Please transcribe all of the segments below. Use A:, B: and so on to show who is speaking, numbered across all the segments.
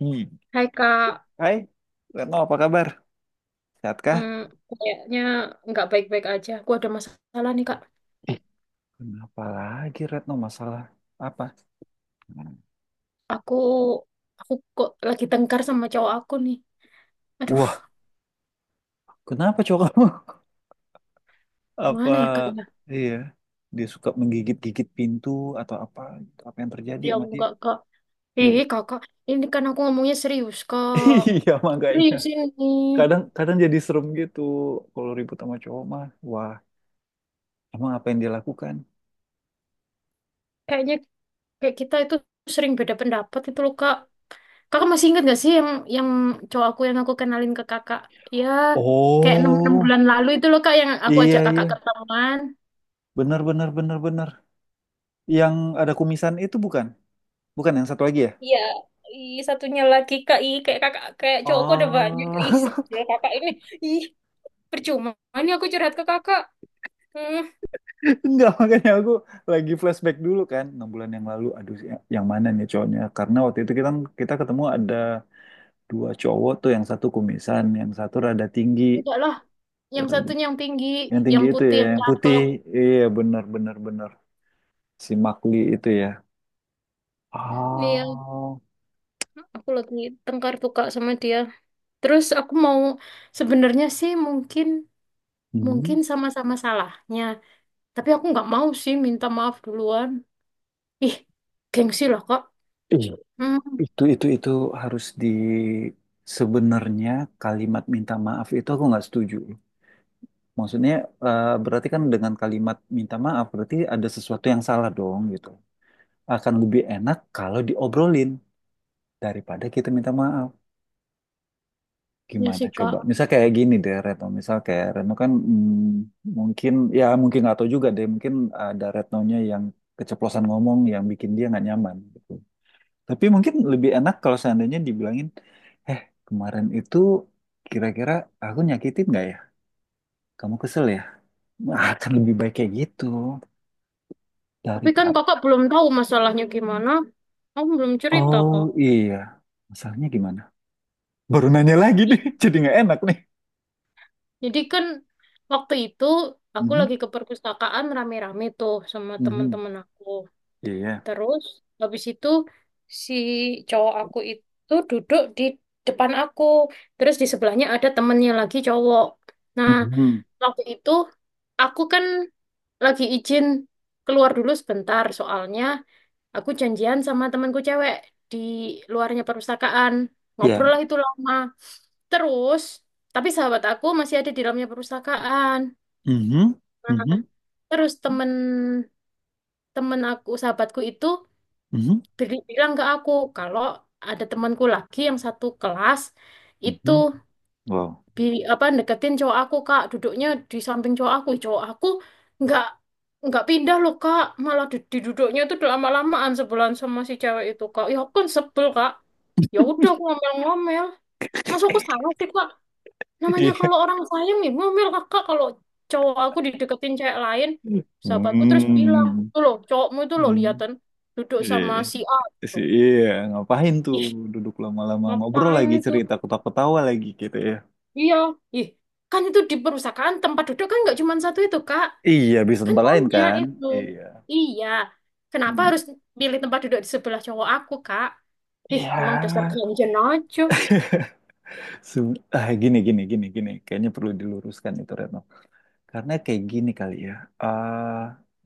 A: Hmm.
B: Hai Kak,
A: Hai, Retno apa kabar? Sehat kah?
B: Hmm, kayaknya nggak baik-baik aja. Aku ada masalah nih Kak.
A: Ih, kenapa lagi Retno masalah apa?
B: Aku aku kok lagi tengkar sama cowok aku nih. Aduh,
A: Wah, kenapa cowok kamu? Apa,
B: mana ya Kak? Ya.
A: iya, dia suka menggigit-gigit pintu atau apa? Gitu. Apa yang terjadi
B: Ya,
A: sama dia?
B: enggak Kak. Ih
A: Enggak.
B: Kakak, ini kan aku ngomongnya serius Kak.
A: Iya, makanya.
B: Serius ini.
A: Kadang kadang jadi serem gitu kalau ribut sama cowok mah. Wah, emang apa yang dia lakukan?
B: Kayaknya kayak kita itu sering beda pendapat itu loh Kak. Kakak masih ingat gak sih yang cowok aku yang aku kenalin ke Kakak? Ya, kayak enam enam
A: Oh,
B: bulan lalu itu loh Kak yang aku
A: iya
B: ajak Kakak
A: iya.
B: ketemuan.
A: Benar benar benar benar. Yang ada kumisan itu bukan? Bukan yang satu lagi ya?
B: Iya, ih, satunya lagi kak, kayak kakak, kayak cowokku ada banyak,
A: Oh,
B: kak sebel kakak ini, ih, percuma, ini aku curhat ke kakak, hmm,
A: Enggak, makanya aku lagi flashback dulu kan, enam bulan yang lalu, aduh yang mana nih cowoknya? Karena waktu itu kita kita ketemu ada dua cowok tuh, yang satu kumisan, yang satu rada tinggi.
B: Enggak lah,
A: Er,
B: yang satunya yang tinggi,
A: yang
B: yang
A: tinggi itu
B: putih,
A: ya,
B: yang
A: yang putih,
B: cakep.
A: iya bener bener bener, si Makli itu ya.
B: Iya,
A: Oh,
B: aku lagi tengkar tuh kak sama dia, terus aku mau, sebenarnya sih mungkin,
A: hmm.
B: mungkin sama-sama salahnya, tapi aku nggak mau sih minta maaf duluan, ih, gengsi lah kak,
A: Ih,
B: hmm,
A: itu harus di, sebenarnya kalimat minta maaf itu aku nggak setuju. Maksudnya berarti kan dengan kalimat minta maaf berarti ada sesuatu yang salah dong gitu. Akan lebih enak kalau diobrolin daripada kita minta maaf.
B: ya
A: Gimana
B: sih kak.
A: coba? Misal kayak gini deh Retno, misal kayak Retno kan mungkin ya mungkin nggak tahu juga deh, mungkin ada Retnonya yang keceplosan ngomong yang bikin dia nggak nyaman gitu. Tapi mungkin lebih enak kalau seandainya dibilangin, eh kemarin itu kira-kira aku nyakitin nggak ya? Kamu kesel ya? Nah, akan lebih baik kayak gitu
B: Tapi kan
A: daripada.
B: kakak belum tahu masalahnya gimana. Aku belum cerita
A: Oh
B: kok.
A: iya, masalahnya gimana? Baru nanya lagi nih,
B: I-
A: jadi nggak enak nih.
B: Jadi kan waktu itu aku
A: Mhm.
B: lagi ke perpustakaan rame-rame tuh sama
A: Mhm.
B: teman-teman aku.
A: Iya.
B: Terus habis itu si cowok aku itu duduk di depan aku. Terus di sebelahnya ada temennya lagi cowok. Nah,
A: Mhm.
B: waktu itu aku kan lagi izin keluar dulu sebentar soalnya aku janjian sama temanku cewek di luarnya perpustakaan. Ngobrol
A: Iya.
B: lah itu lama. Terus, tapi sahabat aku masih ada di dalamnya perpustakaan.
A: Mhm. Mhm.
B: Terus temen temen aku, sahabatku itu
A: Mhm.
B: bilang ke aku kalau ada temanku lagi yang satu kelas itu
A: Mhm. Wow.
B: bi apa deketin cowok aku kak, duduknya di samping cowok aku, cowok aku nggak nggak pindah loh kak, malah di duduknya itu udah lama-lamaan sebelan sama si cewek itu kak. Ya aku kan sebel kak, ya udah aku ngomel-ngomel, masuk aku salah sih kak, namanya kalau
A: Iya.
B: orang sayang nih ngomel kakak kalau cowok aku dideketin cewek lain. Sahabatku terus bilang
A: Hmm.
B: tuh loh cowokmu itu loh
A: Hmm.
B: liatan duduk
A: Iya.
B: sama si A gitu.
A: Iya. Ngapain tuh
B: Ih,
A: duduk lama-lama ngobrol
B: ngapain
A: lagi
B: itu,
A: cerita ketawa-ketawa lagi gitu ya.
B: iya, ih, kan itu di perpustakaan tempat duduk kan nggak cuma satu itu kak.
A: Iya, bisa
B: Kan
A: tempat lain
B: punya
A: kan?
B: itu.
A: Iya.
B: Iya. Kenapa
A: Hmm.
B: harus pilih tempat duduk di sebelah cowok aku, Kak? Ih, emang dasar
A: Iya.
B: ganjen aja.
A: Se- Ah, gini, gini, gini, gini. Kayaknya perlu diluruskan itu, Retno. Karena kayak gini kali ya, eh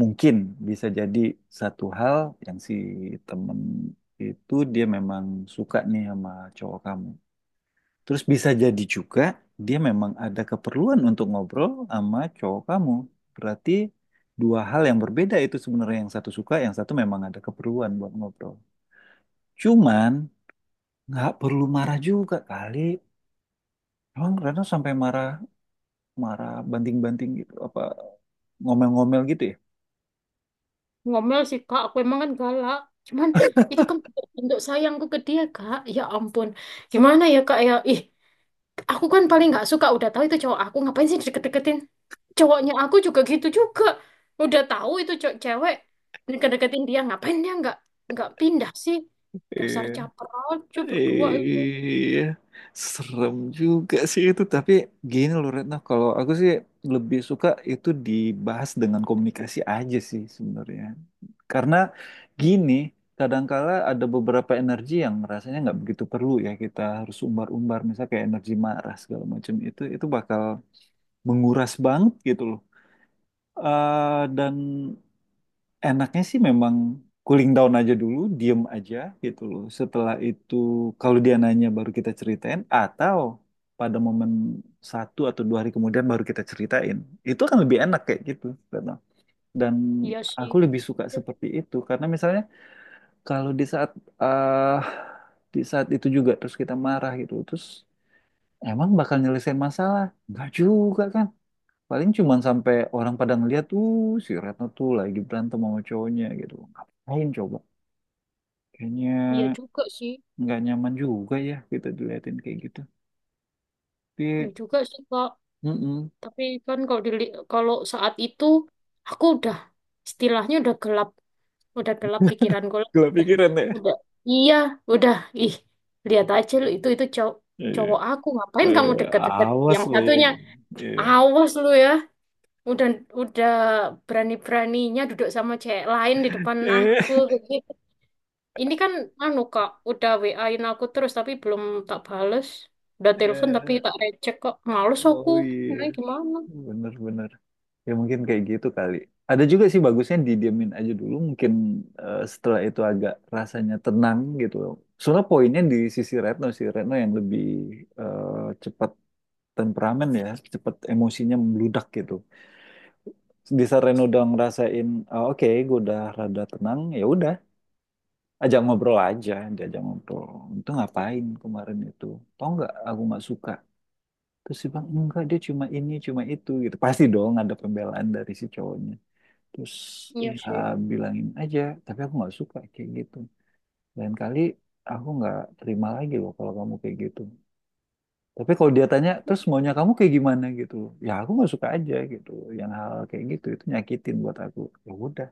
A: mungkin bisa jadi satu hal yang si temen itu dia memang suka nih sama cowok kamu. Terus bisa jadi juga dia memang ada keperluan untuk ngobrol sama cowok kamu. Berarti dua hal yang berbeda itu sebenarnya yang satu suka, yang satu memang ada keperluan buat ngobrol. Cuman nggak perlu marah juga kali. Emang Rano sampai marah, marah banting-banting gitu, apa ngomel-ngomel gitu ya?
B: Ngomel sih, Kak. Aku emang kan galak. Cuman itu kan bentuk sayangku ke dia, Kak. Ya ampun. Gimana ya, Kak? Ya, ih, aku kan paling nggak suka. Udah tahu itu cowok aku. Ngapain sih deket-deketin? Cowoknya aku juga gitu juga. Udah tahu itu cowok cewek. Deket-deketin dia. Ngapain dia nggak pindah sih? Dasar
A: Iya.
B: caper aja berdua itu.
A: Iya, serem juga sih itu. Tapi gini loh Retno, kalau aku sih lebih suka itu dibahas dengan komunikasi aja sih sebenarnya. Karena gini, kadangkala ada beberapa energi yang rasanya nggak begitu perlu ya kita harus umbar-umbar, misalnya kayak energi marah segala macam itu bakal menguras banget gitu loh. Dan enaknya sih memang cooling down aja dulu, diem aja gitu loh. Setelah itu kalau dia nanya baru kita ceritain atau pada momen satu atau dua hari kemudian baru kita ceritain. Itu akan lebih enak kayak gitu. Retno. Dan
B: Iya
A: aku
B: sih.
A: lebih suka seperti itu karena misalnya kalau eh di saat itu juga terus kita marah gitu terus emang bakal nyelesain masalah? Enggak juga kan? Paling cuman sampai orang pada ngeliat, tuh si Retno tuh lagi berantem sama cowoknya gitu. Ngapain coba? Kayaknya
B: Iya juga sih,
A: nggak nyaman juga ya kita diliatin kayak gitu.
B: iya
A: Tapi,
B: juga sih Kak.
A: mm
B: Tapi kan kalau saat itu aku udah istilahnya udah gelap pikiranku lah.
A: gila
B: Udah,
A: pikiran ya.
B: udah, iya, udah. Ih, lihat aja lu itu cowok
A: Iya.
B: cowok aku, ngapain
A: Eh,
B: kamu deket-deket
A: awas
B: yang
A: lo ya
B: satunya,
A: gitu. Iya.
B: awas lu ya, udah udah berani-beraninya duduk sama cewek lain di depan aku. Ini kan anu Kak, udah WA-in aku terus tapi belum tak bales. Udah telepon tapi
A: Eh,
B: tak recek kok. Males
A: eh,
B: aku.
A: oh iya,
B: Ini gimana?
A: bener-bener. Ya mungkin kayak gitu kali. Ada juga sih bagusnya didiemin aja dulu. Mungkin setelah itu agak rasanya tenang gitu. Soalnya poinnya di sisi Retno sih. Retno yang lebih eh, cepat temperamen ya. Cepat emosinya membludak gitu. Di saat Retno udah ngerasain, "Oh, oke gue udah rada tenang. Ya udah, ajak ngobrol aja. Diajak ngobrol. Itu ngapain kemarin itu? Tau nggak aku nggak suka." Terus dia bilang, enggak dia cuma ini, cuma itu gitu. Pasti dong ada pembelaan dari si cowoknya. Terus
B: Iya
A: ya
B: sih.
A: bilangin aja tapi aku nggak suka kayak gitu, lain kali aku nggak terima lagi loh kalau kamu kayak gitu. Tapi kalau dia tanya terus maunya kamu kayak gimana gitu loh. Ya aku nggak suka aja gitu, yang hal kayak gitu itu nyakitin buat aku. Ya udah,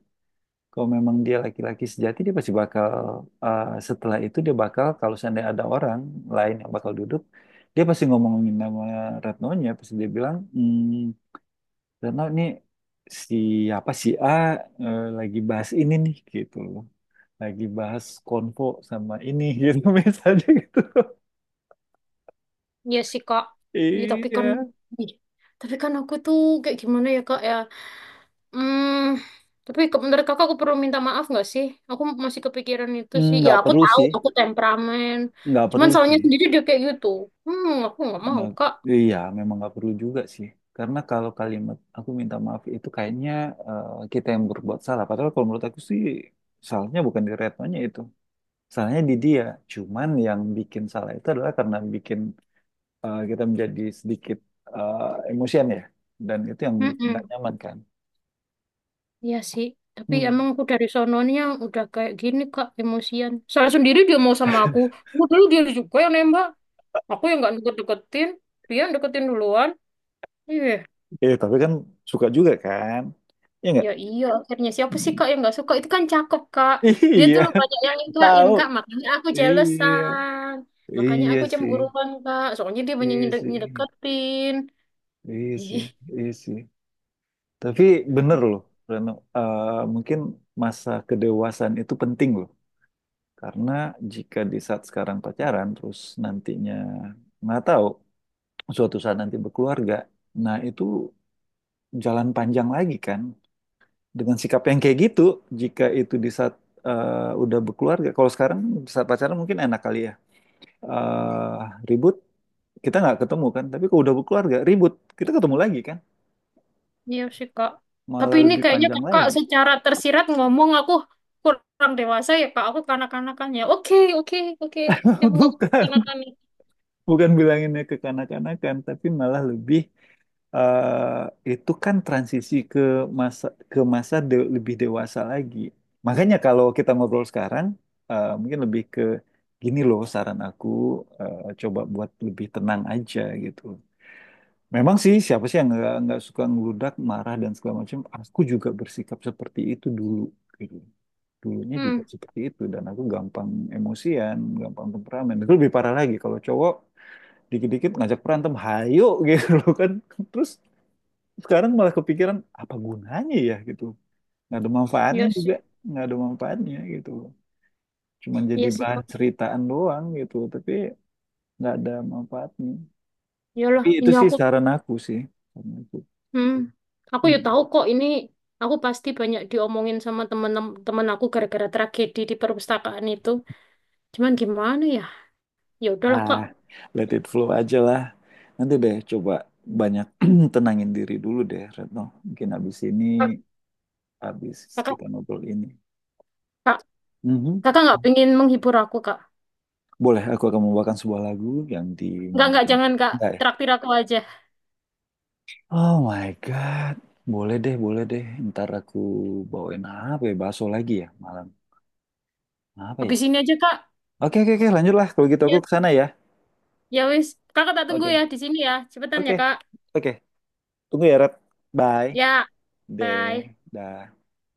A: kalau memang dia laki-laki sejati dia pasti bakal, setelah itu dia bakal kalau seandainya ada orang lain yang bakal duduk, dia pasti ngomongin nama Retno-nya, pasti dia bilang hmm. Karena ini siapa si A, lagi bahas ini nih gitu loh. Lagi bahas konvo sama ini gitu misalnya gitu.
B: Iya sih Kak. Iya
A: Iya.
B: Ih, tapi kan aku tuh kayak gimana ya Kak ya? Hmm, tapi menurut Kakak aku perlu minta maaf nggak sih? Aku masih kepikiran itu
A: Hmm,
B: sih. Ya
A: nggak
B: aku
A: perlu
B: tahu
A: sih,
B: aku temperamen.
A: nggak
B: Cuman
A: perlu
B: salahnya
A: sih.
B: sendiri dia kayak gitu. Aku nggak mau
A: Nggak, iya, memang nggak perlu juga sih. Karena kalau kalimat aku minta maaf itu kayaknya kita yang berbuat salah. Padahal kalau menurut aku sih salahnya bukan di retnonya itu. Salahnya di dia. Cuman yang bikin salah itu adalah karena bikin, kita menjadi sedikit eh, emosian ya, dan itu yang
B: Kak.
A: bikin nggak nyaman kan.
B: Iya sih, tapi emang
A: Hmm.
B: aku dari sononya udah kayak gini Kak, emosian. Salah sendiri dia mau sama aku. Aku dulu dia juga yang nembak. Aku yang nggak deket-deketin, dia yang deketin duluan. Iya,
A: Eh tapi kan suka juga kan. Iya nggak.
B: ya iya akhirnya siapa sih
A: Hmm.
B: Kak yang nggak suka? Itu kan cakep Kak. Dia
A: Iya.
B: tuh lu banyak yang nikahin
A: Tahu.
B: Kak, makanya aku
A: Iya.
B: jealousan. Makanya
A: Iya
B: aku
A: sih.
B: cemburuan Kak, soalnya dia banyak
A: Iya sih.
B: nyedeketin.
A: Iya sih.
B: Ih.
A: Iya sih, tapi bener loh Reno. Mungkin masa kedewasaan itu penting loh, karena jika di saat sekarang pacaran terus nantinya, nggak tahu, suatu saat nanti berkeluarga. Nah itu jalan panjang lagi kan dengan sikap yang kayak gitu. Jika itu di saat, udah berkeluarga, kalau sekarang di saat pacaran mungkin enak kali ya. Eh, Ribut kita nggak ketemu kan, tapi kalau udah berkeluarga ribut kita ketemu lagi kan,
B: Iya sih kak. Tapi
A: malah
B: ini
A: lebih
B: kayaknya
A: panjang
B: kakak
A: lagi.
B: secara tersirat ngomong aku kurang dewasa ya kak. Aku kanak-kanakan ya. Oke, oke, oke. Emang aku
A: Bukan,
B: kanak-kanak.
A: bukan bilanginnya ke kanak-kanakan, tapi malah lebih, itu kan transisi ke masa, lebih dewasa lagi. Makanya kalau kita ngobrol sekarang, mungkin lebih ke gini loh saran aku, coba buat lebih tenang aja gitu. Memang sih siapa sih yang nggak suka ngeludak, marah dan segala macam. Aku juga bersikap seperti itu dulu. Gitu. Dulunya juga
B: Hmm.
A: seperti itu dan aku gampang emosian, gampang temperamen. Itu lebih parah lagi kalau cowok dikit-dikit ngajak berantem, hayo gitu loh kan. Terus sekarang malah kepikiran apa gunanya ya gitu. Nggak ada manfaatnya
B: Iya
A: juga,
B: sih.
A: nggak ada manfaatnya gitu. Cuman jadi
B: Iya sih
A: bahan
B: kak.
A: ceritaan doang gitu, tapi nggak ada manfaatnya.
B: Iyalah.
A: Tapi itu
B: Ini
A: sih
B: aku.
A: saran aku sih. Saran aku.
B: Hmm. Aku ya
A: Hmm.
B: tahu kok ini. Aku pasti banyak diomongin sama temen-temen aku gara-gara tragedi di perpustakaan itu. Cuman gimana ya? Ya udahlah kak.
A: Ah, let it flow aja lah. Nanti deh coba banyak tenangin diri dulu deh, Retno. Mungkin habis
B: Kak-
A: ini, habis
B: Kakak
A: kita ngobrol ini.
B: kak.
A: Mhm.
B: Kakak nggak pengen menghibur aku kak.
A: Boleh, aku akan membawakan sebuah lagu yang
B: Nggak,
A: dinyanyikan.
B: jangan kak.
A: Bentar ya.
B: Traktir aku aja.
A: Oh my God. Boleh deh, boleh deh. Ntar aku bawain apa ya? Bakso lagi ya malam. Apa ya?
B: Habis ini aja kak.
A: Oke, oke, oke. Lanjutlah. Kalau gitu aku
B: Ya.
A: ke sana ya.
B: Ya wis, kakak tak tunggu ya
A: Oke,
B: di sini ya. Cepetan
A: oke,
B: ya, Kak.
A: oke. Tunggu ya, Rep. Bye.
B: Ya,
A: Deh.
B: bye.
A: Dah.